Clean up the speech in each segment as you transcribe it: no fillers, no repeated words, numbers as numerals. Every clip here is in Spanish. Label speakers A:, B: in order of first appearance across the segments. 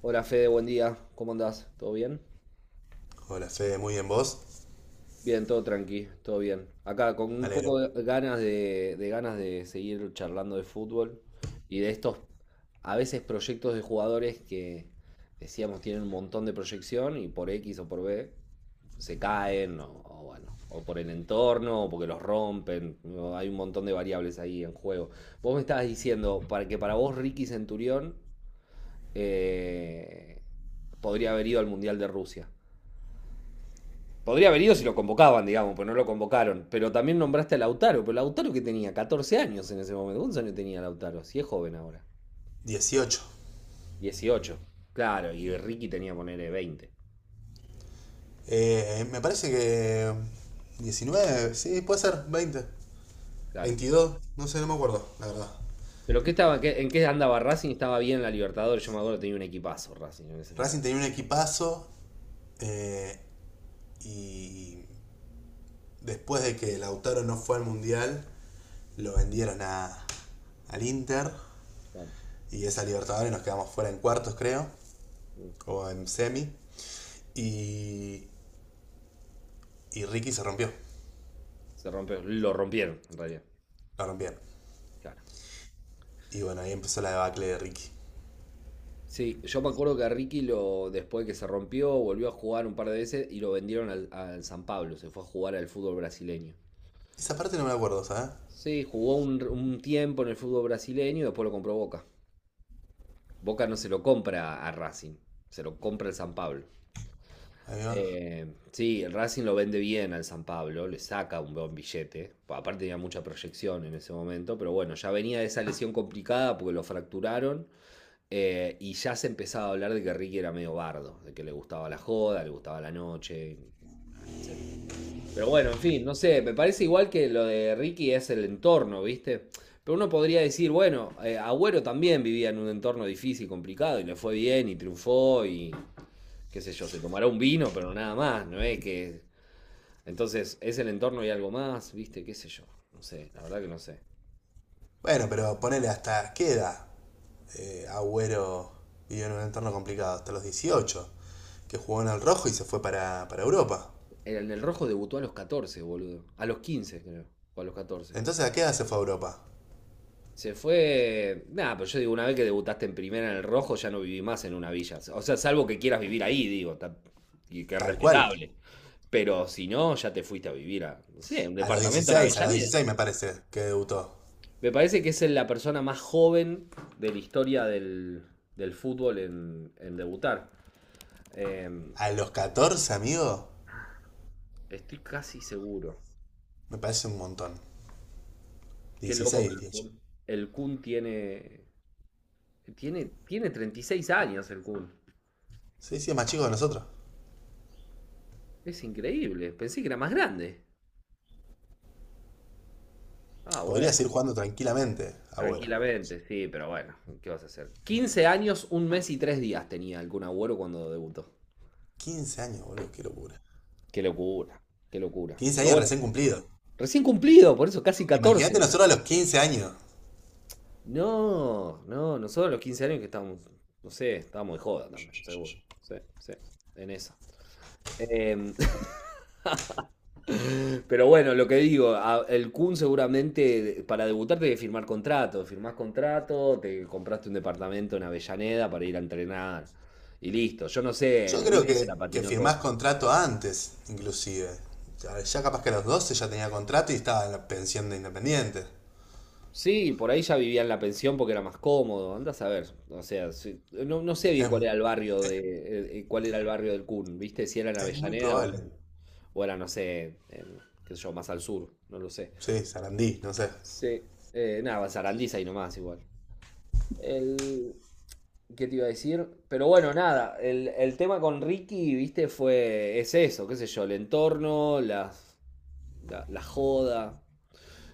A: Hola Fede, buen día. ¿Cómo andás? ¿Todo bien?
B: Hola Fede, muy bien vos.
A: Bien, todo tranqui, todo bien. Acá con
B: Me
A: un
B: alegro.
A: poco de ganas de seguir charlando de fútbol y de estos a veces proyectos de jugadores que decíamos tienen un montón de proyección y por X o por B se caen o bueno, o por el entorno o porque los rompen. No, hay un montón de variables ahí en juego. Vos me estabas diciendo para vos Ricky Centurión eh, podría haber ido al Mundial de Rusia. Podría haber ido si lo convocaban, digamos, pero no lo convocaron. Pero también nombraste a Lautaro, pero Lautaro que tenía 14 años en ese momento. ¿Cuántos años tenía Lautaro? Si es joven ahora.
B: 18.
A: 18. Claro, y Ricky tenía, ponerle 20.
B: Me parece que 19. Sí, puede ser 20.
A: Claro.
B: 22. No sé, no me acuerdo, la verdad.
A: ¿Pero qué estaba, qué- en qué andaba Racing? Estaba bien en la Libertadores. Yo me acuerdo que tenía un equipazo Racing en ese
B: Racing
A: momento.
B: tenía un equipazo eh, y después de que Lautaro no fue al Mundial, lo vendieron al Inter.
A: Claro.
B: Y esa Libertadores nos quedamos fuera en cuartos, creo,
A: Mm.
B: o en semi. Y, y Ricky se rompió,
A: Se rompió, lo rompieron en realidad.
B: la rompieron.
A: Claro.
B: Y bueno, ahí empezó la debacle de Ricky.
A: Sí, yo me acuerdo que a Ricky lo, después que se rompió, volvió a jugar un par de veces y lo vendieron al San Pablo. Se fue a jugar al fútbol brasileño.
B: Esa parte no me acuerdo, ¿sabes?
A: Sí, jugó un tiempo en el fútbol brasileño y después lo compró Boca. Boca no se lo compra a Racing, se lo compra el San Pablo.
B: Ahí va.
A: Eh, sí, el Racing lo vende bien al San Pablo, le saca un buen billete. Pa- Aparte tenía mucha proyección en ese momento, pero bueno, ya venía de esa lesión complicada porque lo fracturaron, y ya se empezaba a hablar de que Ricky era medio bardo, de que le gustaba la joda, le gustaba la noche, etc. Pero bueno, en fin, no sé, me parece igual que lo de Ricky es el entorno, ¿viste? Pero uno podría decir, bueno, Agüero también vivía en un entorno difícil, complicado, y le fue bien y triunfó y qué sé yo, se tomará un vino, pero nada más, ¿no es que... Entonces, es el entorno y algo más, ¿viste? ¿Qué sé yo? No sé, la verdad que no sé.
B: Bueno, pero ponele hasta qué edad. Agüero vivió en un entorno complicado, hasta los 18 que jugó en el rojo y se fue para Europa.
A: En el rojo debutó a los 14, boludo. A los 15 creo. O a los 14.
B: Entonces, ¿a qué edad se fue a Europa?
A: Se fue. Nada, pero yo digo, una vez que debutaste en primera en el rojo, ya no viví más en una villa. O sea, salvo que quieras vivir ahí, digo, ta- y que es
B: Tal cual.
A: respetable. Pero si no, ya te fuiste a vivir a, no sé, un
B: A los
A: departamento en
B: dieciséis a los
A: Avellaneda.
B: dieciséis me parece que debutó.
A: Me parece que es la persona más joven de la historia del fútbol en debutar. Eh,
B: A los 14, amigo,
A: estoy casi seguro.
B: me parece un montón.
A: Qué loco
B: 16,
A: que
B: diría yo.
A: El Kun tiene, tiene 36 años el Kun.
B: Sí, sí, es más chico que nosotros.
A: Es increíble. Pensé que era más grande. Ah,
B: Podría
A: bueno.
B: seguir jugando tranquilamente, abuelo.
A: Tranquilamente, sí, pero bueno, ¿qué vas a hacer? 15 años, un mes y tres días tenía el Kun Agüero cuando debutó.
B: 15 años, boludo, qué locura.
A: Qué locura, qué locura.
B: quince
A: Pero
B: años
A: bueno,
B: recién cumplidos.
A: recién cumplido, por eso casi
B: Imagínate
A: 14.
B: nosotros a los 15 años.
A: No, no, nosotros a los 15 años que estábamos, no sé, estábamos de joda también, seguro. Sí, sí, en esa. Em, Pero bueno, lo que digo, a- el Kun seguramente de- para debutar tenés que firmar contrato. Firmás contrato, te compraste un departamento en Avellaneda para ir a entrenar y listo. Yo no sé,
B: Yo
A: el
B: creo
A: Ricky se la
B: que
A: patinó
B: firmás
A: todo.
B: contrato antes, inclusive. Capaz que a los 12 ya tenía contrato y estaba en la pensión de Independiente.
A: Sí, por ahí ya vivía en la pensión porque era más cómodo. Andás a ver, o sea, sí, no, no sé bien
B: Es,
A: cuál era el barrio de, cuál era el barrio del Kun, ¿viste? Si era en
B: es muy
A: Avellaneda o era,
B: probable.
A: en- o era, no sé, en, qué sé yo, más al sur, no lo sé.
B: Sí, Sarandí, no sé.
A: Sí, nada, Sarandí ahí nomás igual. El, ¿qué te iba a decir? Pero bueno, nada, el tema con Ricky, viste, fue, es eso, qué sé yo, el entorno, las, la joda.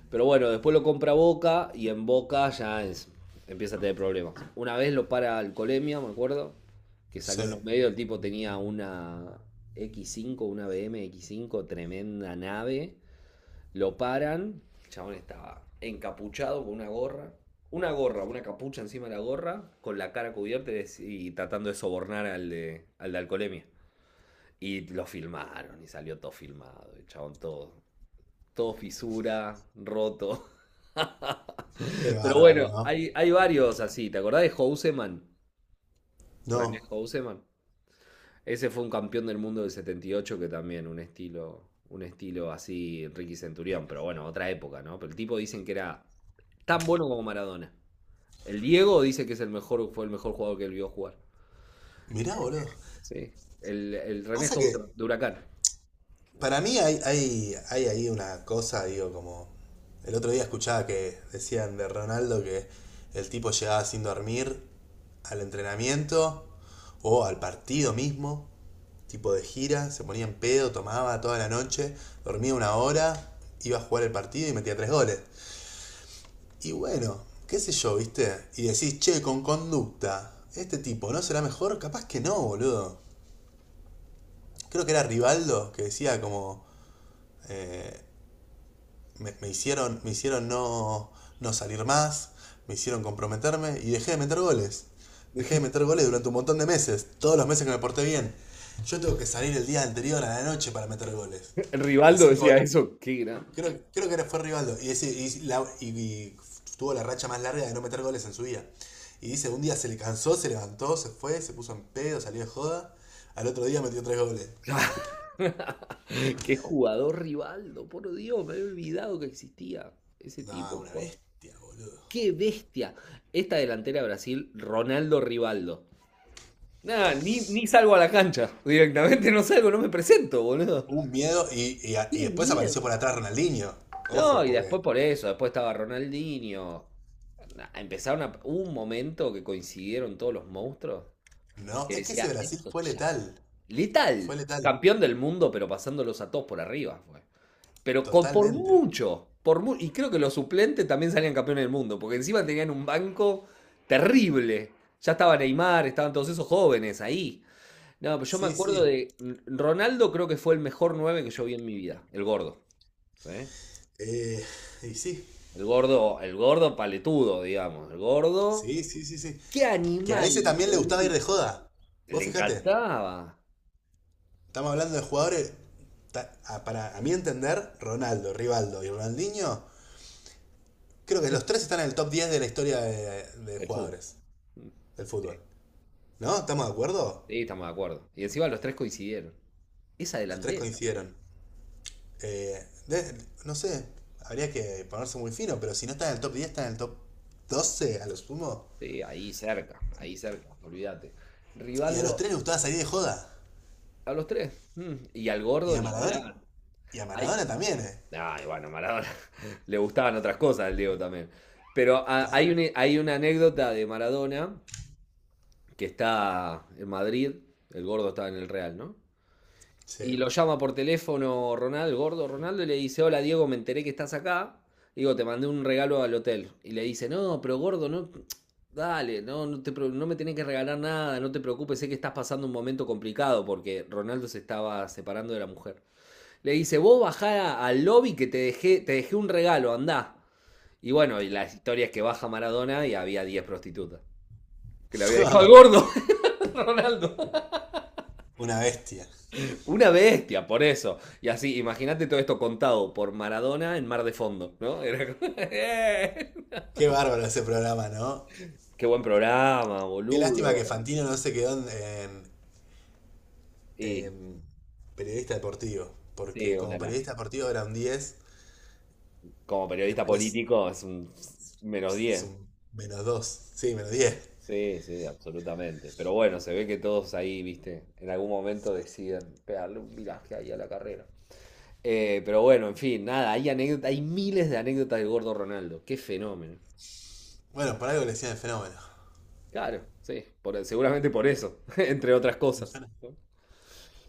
A: Pero bueno, después lo compra Boca y en Boca ya es- empieza a tener problemas. Una vez lo para Alcolemia, me acuerdo, que
B: Sí.
A: salió en los medios, el tipo tenía una x cinco, una BM x cinco, tremenda nave. Lo paran, el chabón estaba encapuchado con una gorra, una gorra, una capucha encima de la gorra, con la cara cubierta y tratando de sobornar al de alcoholemia. Y lo filmaron y salió todo filmado, el chabón todo, todo fisura, roto.
B: Qué
A: Pero
B: bárbaro,
A: bueno,
B: ¿no?
A: hay varios así, ¿te acordás de Houseman? René
B: No.
A: Houseman. Ese fue un campeón del mundo del 78 que también un estilo así Ricky Centurión, pero bueno, otra época, ¿no? Pero el tipo dicen que era tan bueno como Maradona. El Diego dice que es el mejor, fue el mejor jugador que él vio jugar.
B: Mirá, boludo.
A: Sí. El René
B: Pasa
A: Hauser
B: que
A: de Huracán.
B: para mí hay ahí una cosa, digo, como. El otro día escuchaba que decían de Ronaldo que el tipo llegaba sin dormir al entrenamiento o al partido mismo, tipo de gira. Se ponía en pedo, tomaba toda la noche, dormía una hora, iba a jugar el partido y metía tres goles. Y bueno, qué sé yo, ¿viste? Y decís, che, con conducta, este tipo, ¿no será mejor? Capaz que no, boludo. Creo que era Rivaldo que decía como, eh, me hicieron no, no salir más, me hicieron comprometerme y dejé de meter goles. Dejé de meter goles durante un montón de meses, todos los meses que me porté bien. Yo tengo que salir el día anterior a la noche para meter goles.
A: El Rivaldo
B: Así que
A: decía eso, qué gran.
B: creo que fue Rivaldo. Y, ese, y tuvo la racha más larga de no meter goles en su vida. Y dice, un día se le cansó, se levantó, se fue, se puso en pedo, salió de joda. Al otro día metió tres goles.
A: Qué jugador Rivaldo, por Dios, me había olvidado que existía ese
B: No,
A: tipo,
B: una
A: por
B: bestia, boludo.
A: qué bestia. Esta delantera de Brasil, Ronaldo Rivaldo. Nada, ni salgo a la cancha. Directamente no salgo, no me presento, boludo.
B: Un miedo. Y
A: ¡Qué
B: después apareció por
A: mierda!
B: atrás Ronaldinho.
A: No,
B: Ojo,
A: y
B: porque.
A: después por eso, después estaba Ronaldinho. Na- Empezaron a, hubo un momento que coincidieron todos los monstruos
B: No,
A: que
B: es que ese
A: decía,
B: Brasil
A: esto
B: fue
A: ya.
B: letal. Fue
A: Letal,
B: letal.
A: campeón del mundo, pero pasándolos a todos por arriba, fue. Pero con- por
B: Totalmente.
A: mucho, por mu- y creo que los suplentes también salían campeones del mundo, porque encima tenían un banco terrible. Ya estaba Neymar, estaban todos esos jóvenes ahí. No, pero yo me
B: Sí,
A: acuerdo
B: sí.
A: de Ronaldo, creo que fue el mejor 9 que yo vi en mi vida, el gordo, ¿sí?
B: Eh, y sí.
A: El gordo paletudo, digamos, el gordo.
B: Sí, sí, sí, sí.
A: ¡Qué
B: Que a
A: animal,
B: ese también le gustaba ir de
A: boludo!
B: joda. Vos
A: Le
B: fijate.
A: encantaba
B: Estamos hablando de jugadores. Para a mi entender, Ronaldo, Rivaldo y Ronaldinho, creo que los tres están en el top 10 de la historia de
A: el fútbol.
B: jugadores
A: Mm,
B: del
A: sí,
B: fútbol. ¿No? ¿Estamos de acuerdo?
A: sí, estamos de acuerdo. Y encima los tres coincidieron. Esa
B: Los tres
A: delantera,
B: coincidieron. No sé, habría que ponerse muy fino, pero si no está en el top 10, está en el top 12 a lo sumo.
A: sí, ahí cerca, olvídate.
B: Y a los
A: Rivaldo
B: tres les gustaba salir de joda.
A: a los tres, mm, y al
B: Y
A: gordo
B: a
A: ni
B: Maradona.
A: hablar.
B: Y a
A: Hay,
B: Maradona también, ¿eh?
A: Bueno, Maradona le gustaban otras cosas al Diego también. Pero
B: Claro.
A: hay una anécdota de Maradona que está en Madrid, el gordo estaba en el Real, ¿no? Y
B: Sí.
A: lo llama por teléfono Ronaldo, el gordo Ronaldo, y le dice, hola Diego, me enteré que estás acá. Digo, te mandé un regalo al hotel. Y le dice, no, pero gordo, no, dale, no, no, te pre- no me tenés que regalar nada, no te preocupes, sé que estás pasando un momento complicado porque Ronaldo se estaba separando de la mujer. Le dice, vos bajá al lobby que te dejé un regalo, andá. Y bueno, y la historia es que baja Maradona y había 10 prostitutas. Que le había dejado al gordo, Ronaldo.
B: Una bestia.
A: Una bestia, por eso. Y así, imagínate todo esto contado por Maradona en Mar de Fondo, ¿no? Era
B: Qué bárbaro ese programa, ¿no?
A: qué buen programa,
B: Qué lástima que
A: boludo.
B: Fantino no se quedó en, en-
A: Y
B: en periodista deportivo,
A: sí,
B: porque como
A: una la.
B: periodista deportivo era un 10,
A: Como periodista
B: después
A: político es un menos
B: es
A: diez.
B: un -2. Sí, -10.
A: Sí, sí, absolutamente. Pero bueno, se ve que todos ahí, viste, en algún momento deciden pegarle un viraje ahí a la carrera. Pero bueno, en fin, nada, hay anécdota- hay miles de anécdotas del gordo Ronaldo. Qué fenómeno.
B: Bueno, por algo le decían el Fenómeno.
A: Claro, sí, por- seguramente por eso, entre otras
B: Un
A: cosas.
B: fenómeno.
A: ¿No?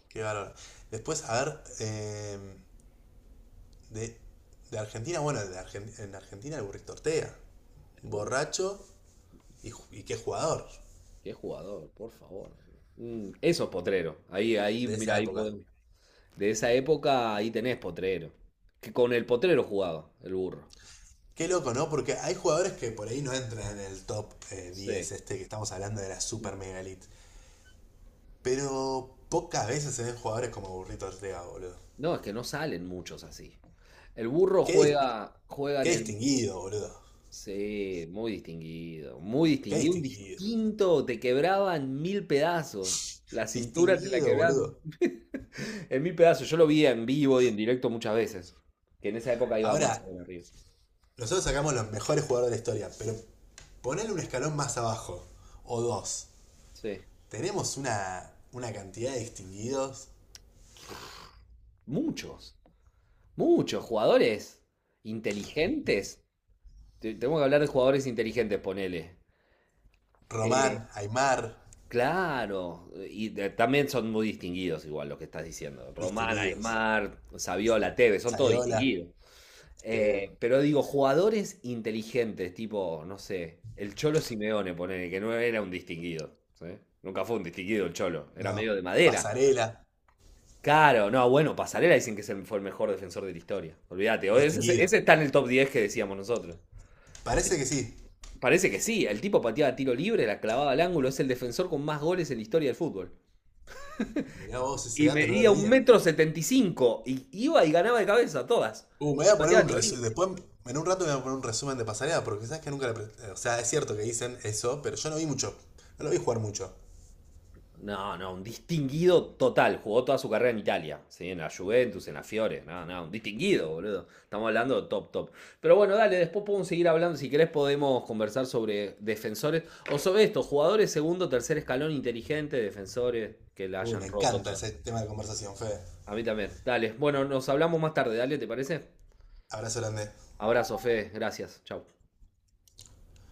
B: Qué bárbaro. Después, a ver, de, de Argentina. Bueno, en Argentina el Burrito Ortega,
A: El Bu,
B: borracho y qué jugador
A: qué jugador, por favor. Mm, eso es Potrero. Ahí, ahí,
B: de esa
A: mira, ahí
B: época.
A: podemos. De esa época, ahí tenés Potrero. Que con el Potrero jugaba, el burro.
B: Qué loco, ¿no? Porque hay jugadores que por ahí no entran en el top 10,
A: Sí.
B: este, que estamos hablando de la Super Mega Elite. Pero pocas veces se ven jugadores como Burrito Ortega, boludo.
A: No, es que no salen muchos así. El burro
B: Qué, dis-
A: juega, juega
B: qué
A: en el...
B: distinguido, boludo.
A: Sí, muy
B: Qué
A: distinguido, un
B: distinguido.
A: distinto, te quebraban mil pedazos, la cintura te la
B: Distinguido,
A: quebraban
B: boludo.
A: en mil pedazos, yo lo vi en vivo y en directo muchas veces, que en esa época iba más a
B: Ahora,
A: Boca River.
B: nosotros sacamos los mejores jugadores de la historia, pero ponerle un escalón más abajo, o dos.
A: Sí,
B: Tenemos una cantidad de distinguidos.
A: muchos, muchos jugadores inteligentes, te- tenemos que hablar de jugadores inteligentes, ponele,
B: Román, Aymar,
A: claro, y de- también son muy distinguidos igual lo que estás diciendo. Román,
B: distinguidos.
A: Aymar, Saviola, Tevez, son todos
B: Sayola,
A: distinguidos.
B: este,
A: Pero digo, jugadores inteligentes, tipo, no sé, el Cholo Simeone, ponele, que no era un distinguido, ¿sí? Nunca fue un distinguido el Cholo, era medio
B: no,
A: de madera.
B: Pasarela,
A: Claro, no, bueno, Pasarela dicen que se fue el mejor defensor de la historia. Olvídate, o ese
B: distinguido.
A: está en el top 10 que decíamos nosotros.
B: Parece que sí.
A: Parece que sí, el tipo pateaba tiro libre, la clavaba al ángulo, es el defensor con más goles en la historia del fútbol.
B: Mirá vos, ese
A: Y
B: dato no lo
A: medía un
B: tenía.
A: metro 75. Y iba y ganaba de cabeza todas.
B: Me voy
A: Y
B: a poner
A: pateaba
B: un
A: tiro
B: resumen.
A: libre.
B: Después, en un rato me voy a poner un resumen de Pasarela, porque sabes que nunca O sea, es cierto que dicen eso, pero yo no vi mucho. No lo vi jugar mucho.
A: No, no, un distinguido total. Jugó toda su carrera en Italia. ¿Sí? En la Juventus, en la Fiore. No, no, un distinguido, boludo. Estamos hablando de top, top. Pero bueno, dale, después podemos seguir hablando. Si querés, podemos conversar sobre defensores. O sobre esto, jugadores segundo, tercer escalón, inteligentes, defensores que la
B: Uy, me
A: hayan roto
B: encanta
A: toda.
B: ese tema de conversación, Fede.
A: A mí también. Dale. Bueno, nos hablamos más tarde. Dale, ¿te parece?
B: Abrazo grande.
A: Abrazo, Fede. Gracias. Chau.